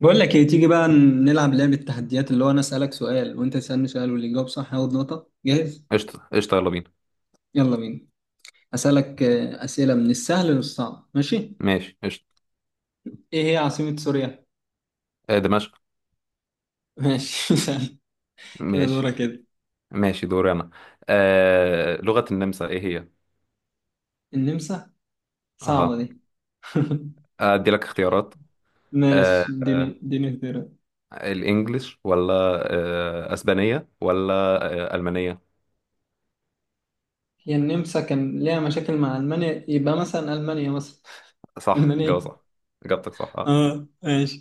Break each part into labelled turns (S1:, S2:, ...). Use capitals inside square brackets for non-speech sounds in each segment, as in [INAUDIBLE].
S1: بقول لك ايه تيجي بقى نلعب لعبة تحديات اللي هو انا اسألك سؤال وانت تسألني سؤال واللي يجاوب صح ياخد نقطة. جاهز؟
S2: قشطة قشطة، يلا بينا.
S1: يلا بينا. اسألك أسئلة من السهل للصعب، ماشي؟
S2: ماشي قشطة.
S1: ايه هي عاصمة سوريا؟
S2: دمشق.
S1: ماشي [LAUGHS] سهل. كده
S2: ماشي.
S1: دورة كده.
S2: ماشي، دوري أنا. لغة النمسا إيه هي؟
S1: النمسا، صعبة
S2: أها،
S1: دي [LAUGHS]
S2: أدي لك اختيارات. آه
S1: ماشي،
S2: آه
S1: اديني اختيارات.
S2: الإنجليش ولا أسبانية ولا ألمانية؟
S1: هي النمسا كان ليها مشاكل مع المانيا، يبقى مثلا المانيا مثلا [LAUGHS]
S2: صح، جواب
S1: المانيا.
S2: صح. إجابتك صح.
S1: اه ماشي.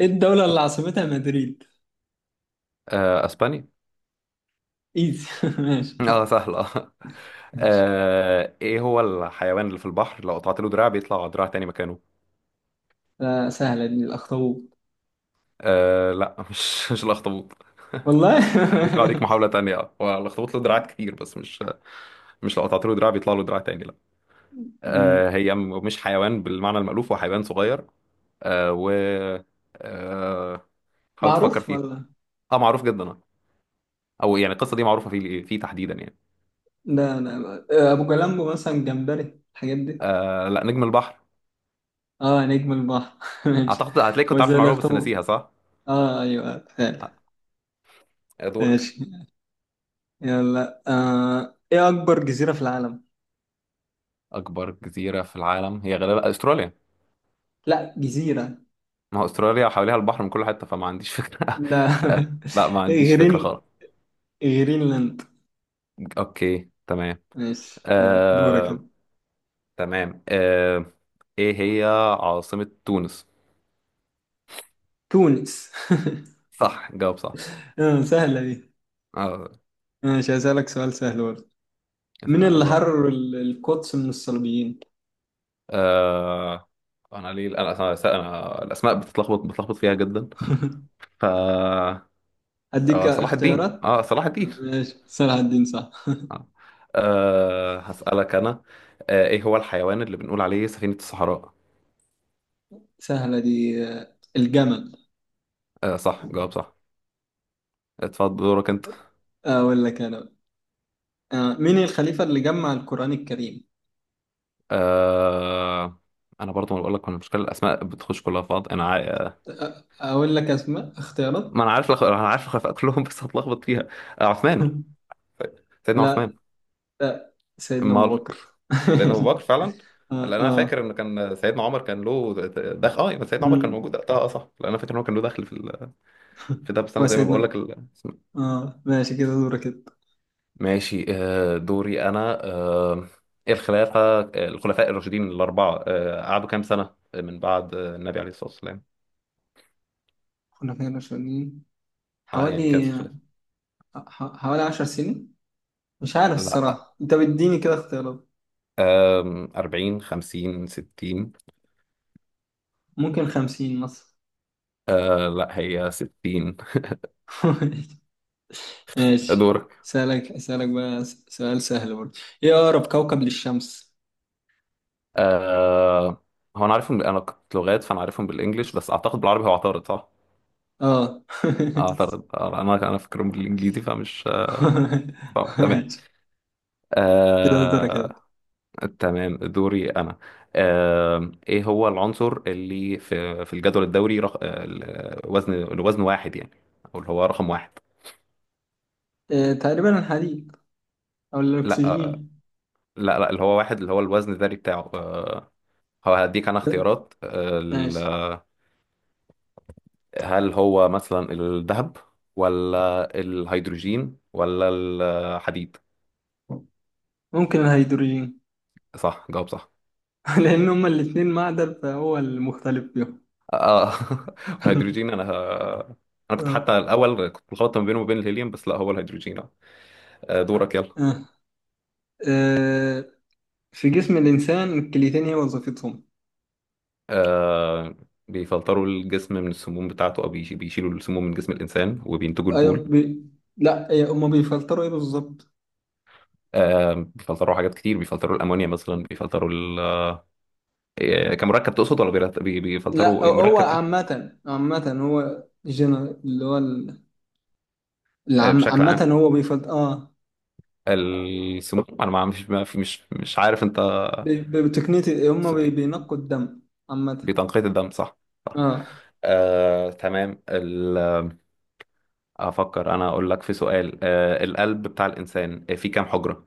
S1: ايه الدولة اللي عاصمتها مدريد؟
S2: أسبانيا.
S1: ايزي [LAUGHS] ماشي.
S2: سهلة [LAUGHS] آه.
S1: ماشي.
S2: إيه هو الحيوان اللي في البحر لو قطعت له دراع بيطلع دراع تاني مكانه؟
S1: سهلة دي، الأخطبوط.
S2: لا [LAUGHS] مش الأخطبوط [LAUGHS]
S1: والله
S2: ليك عليك محاولة
S1: [LAUGHS]
S2: تانية، هو الأخطبوط له دراعات كتير بس مش لو قطعت له دراع بيطلع له دراع تاني، لا.
S1: أمم.
S2: هي مش حيوان بالمعنى المألوف، هو حيوان صغير. آه و آه حاول تفكر
S1: معروف
S2: فيها.
S1: والله.
S2: اه، معروف جدا آه. او يعني القصه دي معروفه فيه تحديدا يعني.
S1: لا ابو جلامبو مثلا، جمبري، الحاجات دي.
S2: لا، نجم البحر.
S1: اه نجم البحر [LAUGHS] ماشي.
S2: اعتقد هتلاقي
S1: هو
S2: كنت عارف
S1: زي
S2: المعلومه بس
S1: الاخطبوط.
S2: ناسيها، صح؟
S1: اه ايوه فعلا.
S2: دورك.
S1: ماشي. يلا ايه اكبر جزيرة في العالم؟
S2: اكبر جزيره في العالم هي غالبا استراليا.
S1: لا جزيرة.
S2: ما هو استراليا حواليها البحر من كل حته، فما عنديش فكره [LAUGHS]
S1: لا
S2: آه لا، ما
S1: [LAUGHS]
S2: عنديش فكره
S1: غرين
S2: خالص.
S1: غرينلاند.
S2: اوكي، تمام.
S1: ماشي، يلا دورك كده.
S2: آه تمام آه، ايه هي عاصمة تونس؟
S1: تونس.
S2: صح، جاوب صح.
S1: [LAUGHS] آه سهلة دي.
S2: آه،
S1: ماشي، هسألك سؤال سهل برضه. مين اللي
S2: براحتك.
S1: حرر القدس من الصليبيين؟
S2: آه، انا ليه انا انا أنا الاسماء بتلخبط فيها جدا، ف
S1: أديك
S2: صلاح الدين،
S1: اختيارات.
S2: اه، صلاح الدين.
S1: ماشي، صلاح الدين صح.
S2: آه. هسألك انا. ايه هو الحيوان اللي بنقول عليه سفينة الصحراء؟
S1: سهلة دي، الجمل.
S2: صح، جاوب صح. اتفضل دورك انت.
S1: أقول لك أنا بقى. مين الخليفة اللي جمع القرآن الكريم؟
S2: آه، انا برضو ما بقول لك، المشكله الاسماء بتخش كلها في بعض، انا
S1: أقول لك أسماء اختيارات.
S2: ما انا عارف لخ... انا عارف الخلفاء كلهم [LAUGHS] بس هتلخبط فيها. عثمان،
S1: [LAUGHS]
S2: سيدنا عثمان.
S1: لا. لا، سيدنا أبو
S2: امال؟
S1: بكر.
S2: سيدنا
S1: [LAUGHS]
S2: ابو بكر فعلا.
S1: آه
S2: لان انا فاكر
S1: آه.
S2: ان كان سيدنا عمر كان له دخل. اه، يبقى سيدنا عمر كان
S1: مم.
S2: موجود وقتها، اه صح، لان انا فاكر ان هو كان له دخل في في ده، بس انا زي ما بقول لك
S1: وسيدنا آه ماشي، كده دورك كده.
S2: ماشي. آه، دوري انا آه، الخلافه آه، الخلفاء الراشدين الاربعه قعدوا كام سنه من بعد النبي عليه الصلاه والسلام؟
S1: كنا فين رشيدين.
S2: يعني كانت
S1: حوالي
S2: الخلافه؟
S1: حوالي عشر سنين. مش عارف
S2: لا.
S1: الصراحة، أنت بتديني كده اختيارات.
S2: 40 50 60؟
S1: ممكن خمسين مثلا.
S2: لا، هي 60.
S1: [LAUGHS] ماشي،
S2: دور.
S1: أسألك بقى سؤال سهل برضه. إيه أقرب كوكب للشمس؟
S2: آه هو انا عارفهم، انا كنت لغات فانا عارفهم بالانجلش، بس اعتقد بالعربي هو اعترض صح؟
S1: آه
S2: اعترض. انا فاكرهم بالانجليزي فمش
S1: [LAUGHS]
S2: تمام.
S1: ماشي، كده درجة كده.
S2: آه تمام دوري انا. ايه هو العنصر اللي في الجدول الدوري الوزن واحد يعني، او اللي هو رقم واحد؟
S1: إيه تقريبا الحديد أو
S2: لا.
S1: الأكسجين.
S2: اللي هو واحد، اللي هو الوزن الذري بتاعه. هو هديك انا اختيارات
S1: ماشي،
S2: هل هو مثلا الذهب ولا الهيدروجين ولا الحديد؟
S1: ممكن الهيدروجين.
S2: صح، جاوب صح.
S1: [LAUGHS] لأن هما الاتنين معدن فهو المختلف فيهم.
S2: اه [LAUGHS]
S1: [LAUGHS]
S2: الهيدروجين. انا كنت
S1: آه.
S2: حتى الاول كنت مخلط ما بينه وما بين الهيليوم، بس لا هو الهيدروجين. دورك يلا.
S1: آه. آه. في جسم الإنسان الكليتين هي وظيفتهم.
S2: آه، بيفلتروا الجسم من السموم بتاعته، او بيشيلوا السموم من جسم الانسان وبينتجوا
S1: أيوة
S2: البول.
S1: بي... لا إيه، هما بيفلتروا إيه بالظبط؟
S2: بيفلتروا حاجات كتير، بيفلتروا الامونيا مثلا، بيفلتروا ال... آه، كمركب تقصد ولا
S1: لا
S2: بيفلتروا
S1: هو
S2: مركب ايه؟
S1: عامة، عامة هو جنرال اللي هو العم
S2: بشكل
S1: عامة
S2: عام،
S1: هو بيفض اه.
S2: السموم. انا ما مش ما في مش مش عارف انت
S1: بتقنية هم
S2: تقصد ايه.
S1: بينقوا الدم عامة.
S2: بتنقية الدم؟ صح.
S1: اه،
S2: آه، تمام ال... افكر انا اقول لك في سؤال. القلب بتاع الانسان فيه كام حجرة؟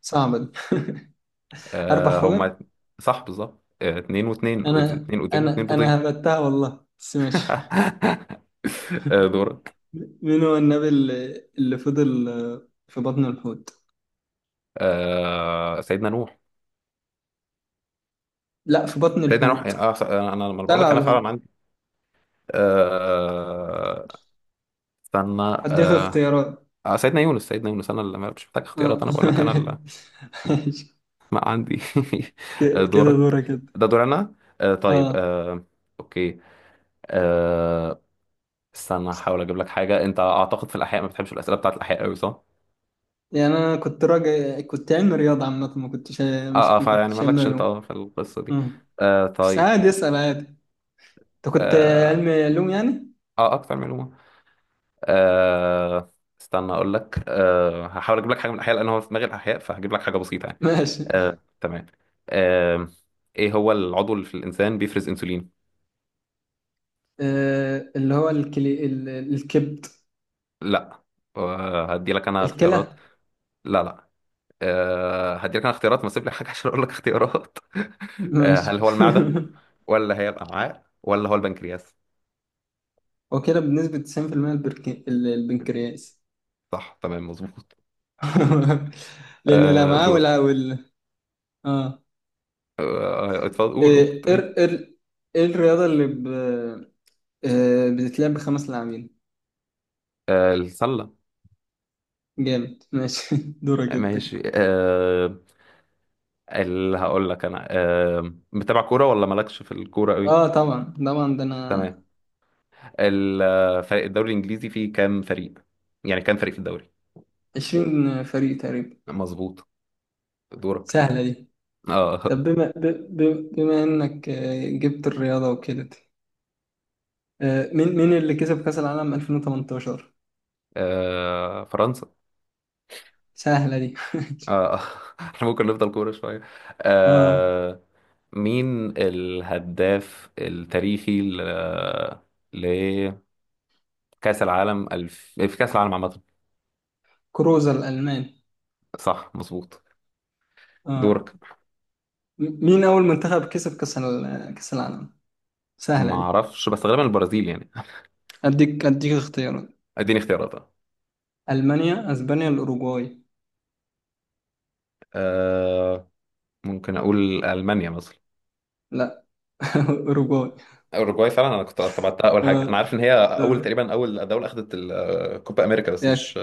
S1: صعبة دي [LAUGHS] أربع
S2: آه،
S1: حجر.
S2: هما صح بالظبط. اتنين واتنين،
S1: أنا
S2: اتنين ودين
S1: أنا
S2: واتنين
S1: أنا
S2: بيضين
S1: هبتها والله، بس ماشي [LAUGHS]
S2: [LAUGHS] دورك.
S1: مين هو النبي اللي فضل في بطن الحوت؟
S2: سيدنا نوح.
S1: لا، في بطن
S2: سيدنا نوح.
S1: الحوت.
S2: انا لما بقول لك
S1: طلع
S2: انا
S1: الحوت.
S2: فعلا عندي. آه، استنى.
S1: هديك
S2: آه،
S1: اختيارات.
S2: سيدنا يونس، سيدنا يونس، انا اللي مش محتاج اختيارات،
S1: اه
S2: انا بقول لك
S1: [LAUGHS]
S2: انا
S1: ماشي.
S2: ما عندي [LAUGHS]
S1: كده
S2: دورك.
S1: دورك كده.
S2: ده دور انا. آه طيب
S1: اه
S2: آه اوكي. آه استنى احاول اجيب لك حاجه. انت اعتقد في الاحياء ما بتحبش الاسئله بتاعت الاحياء قوي صح؟
S1: يعني أنا كنت راجع كنت علمي رياضة عامة، ما كنتش
S2: اه
S1: مش
S2: اه،
S1: ما
S2: فيعني
S1: كنتش علمي
S2: مالكش انت
S1: علوم.
S2: اه في القصه دي.
S1: اه،
S2: آه
S1: بس
S2: طيب
S1: عادي اسأل عادي. انت كنت
S2: اه،
S1: علم علوم يعني.
S2: اكتر معلومه. آه استنى اقول لك. هحاول اجيب لك حاجه من الاحياء، لان هو في دماغي الاحياء، فهجيب لك حاجه بسيطه يعني.
S1: ماشي،
S2: آه تمام آه ايه هو العضو اللي في الانسان بيفرز انسولين؟
S1: آه، اللي هو الكلي... ال- الكبد.
S2: لا. هدي لك انا اختيارات.
S1: الكلى.
S2: لا. هديلك انا اختيارات، ما اسيب لك حاجه [LAUGHS] عشان اقول لك اختيارات [LAUGHS]
S1: ماشي
S2: هل هو المعده
S1: [LAUGHS]
S2: ولا هي الامعاء ولا هو البنكرياس؟
S1: هو كده بنسبة 90%، البنكرياس.
S2: صح تمام، مظبوط.
S1: [LAUGHS] لأن الأمعاء
S2: دور.
S1: وال اه آه.
S2: اتفضل، قول
S1: إيه
S2: كنت
S1: إر...
S2: ليه.
S1: إر... إيه الرياضة اللي ب... آه، بتتلعب بخمس لاعبين؟
S2: السله.
S1: جامد ماشي [LAUGHS] دورك انت.
S2: ماشي. اللي هقول لك انا متابع كوره ولا مالكش في الكوره قوي؟
S1: اه طبعا طبعا، ده انا.
S2: تمام. فريق الدوري الانجليزي فيه كام فريق، يعني كام فريق في الدوري؟
S1: 20 فريق تقريبا.
S2: مظبوط. دورك.
S1: سهلة دي.
S2: اه.
S1: طب بما انك جبت الرياضة وكده، مين اللي كسب كأس العالم 2018؟
S2: فرنسا.
S1: سهلة دي
S2: آه [LAUGHS] احنا ممكن نفضل كورة شوية.
S1: [LAUGHS] اه،
S2: آه مين الهداف التاريخي لكأس العالم في كأس العالم عامة؟
S1: كروزا الألماني.
S2: صح، مظبوط.
S1: اه،
S2: دورك.
S1: مين أول منتخب كسب كأس العالم؟
S2: ما
S1: سهلة دي.
S2: اعرفش، بس غالبا البرازيل يعني.
S1: اديك اختيارات.
S2: اديني اختيارات.
S1: ألمانيا، اسبانيا، الأوروغواي.
S2: آه ممكن اقول ألمانيا مثلا.
S1: لا [LAUGHS] أوروغواي.
S2: اوروجواي فعلا، انا كنت تبعتها اول حاجة، انا
S1: اه
S2: عارف ان هي اول
S1: اه
S2: تقريبا اول دولة اخذت الكوبا امريكا، بس
S1: ياك.
S2: مش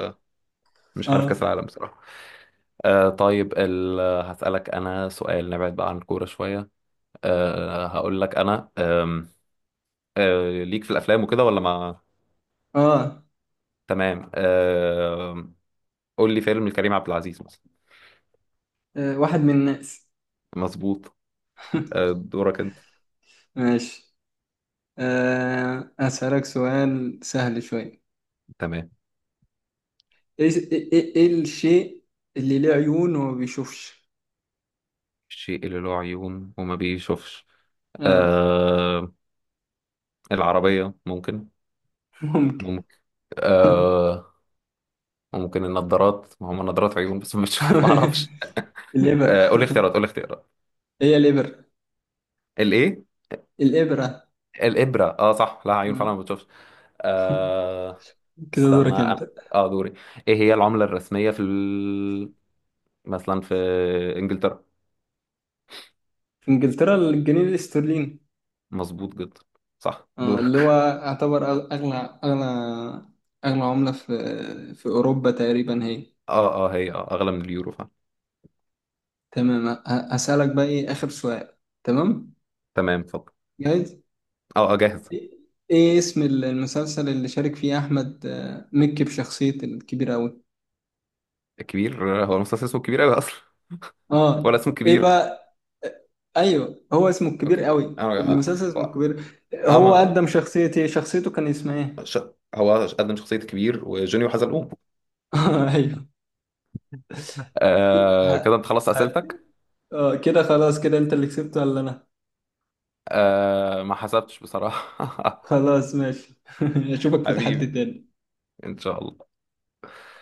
S2: مش عارف
S1: اه
S2: كأس العالم بصراحة. هسألك انا سؤال نبعد بقى عن الكورة شوية. هقول لك انا أم، أه ليك في الافلام وكده ولا ما؟
S1: اه.
S2: تمام. قول لي فيلم لكريم عبد العزيز مثلا.
S1: واحد من الناس.
S2: مظبوط.
S1: [LAUGHS]
S2: دورك انت.
S1: ماشي، أسألك سؤال سهل شوي.
S2: تمام.
S1: ايه ايه ايه إيه الشيء اللي له عيون وما بيشوفش؟
S2: الشيء اللي له عيون وما بيشوفش؟
S1: اه
S2: أه العربية ممكن؟
S1: ممكن.
S2: ممكن. أه ممكن النضارات، ما هم نضارات، عيون بس ما بتشوف [LAUGHS] ما اعرفش.
S1: [LAUGHS] الإبرة.
S2: قول لي اختيارات، قول لي اختيارات.
S1: [LAUGHS] هي الإبرة.
S2: الايه؟
S1: الإبرة.
S2: الابرة؟ اه صح، لها عيون فعلا
S1: مم.
S2: ما بتشوفش.
S1: [LAUGHS]
S2: أه
S1: كده
S2: استنى
S1: دورك
S2: انا.
S1: انت.
S2: اه، دوري. ايه هي العملة الرسمية في مثلا في انجلترا؟
S1: في انجلترا، الجنيه الاسترليني.
S2: مظبوط جدا، صح.
S1: اه اللي هو
S2: دورك [LAUGHS]
S1: يعتبر اغلى عملة في في اوروبا تقريبا هي.
S2: اه هي اغلى من اليورو فعلا.
S1: تمام، هسألك بقى ايه اخر سؤال. تمام،
S2: تمام، اتفضل.
S1: جايز.
S2: اه جاهز.
S1: ايه إيه اسم المسلسل اللي شارك فيه احمد مكي بشخصية الكبير أوي؟
S2: كبير؟ هو المستثمر اسمه كبير قوي اصلا [LAUGHS] ولا
S1: اه
S2: اسمه
S1: ايه
S2: كبير؟
S1: بقى، ايوه هو اسمه الكبير
S2: اوكي.
S1: قوي،
S2: انا
S1: المسلسل اسمه
S2: هو
S1: الكبير.
S2: اه
S1: هو
S2: ما
S1: قدم شخصية ايه؟ شخصيته كان اسمها
S2: آه،
S1: ايه؟
S2: ش... هو قدم شخصية كبير، وجونيو حزلقوم.
S1: [LAUGHS] ايوه.
S2: كده
S1: ه-
S2: انت خلصت
S1: ه-
S2: اسئلتك.
S1: اه كده خلاص، كده انت اللي كسبت ولا انا؟
S2: ما حسبتش بصراحة.
S1: خلاص ماشي [LAUGHS]
S2: [LAUGHS]
S1: اشوفك في تحدي
S2: حبيبي،
S1: تاني.
S2: ان شاء الله.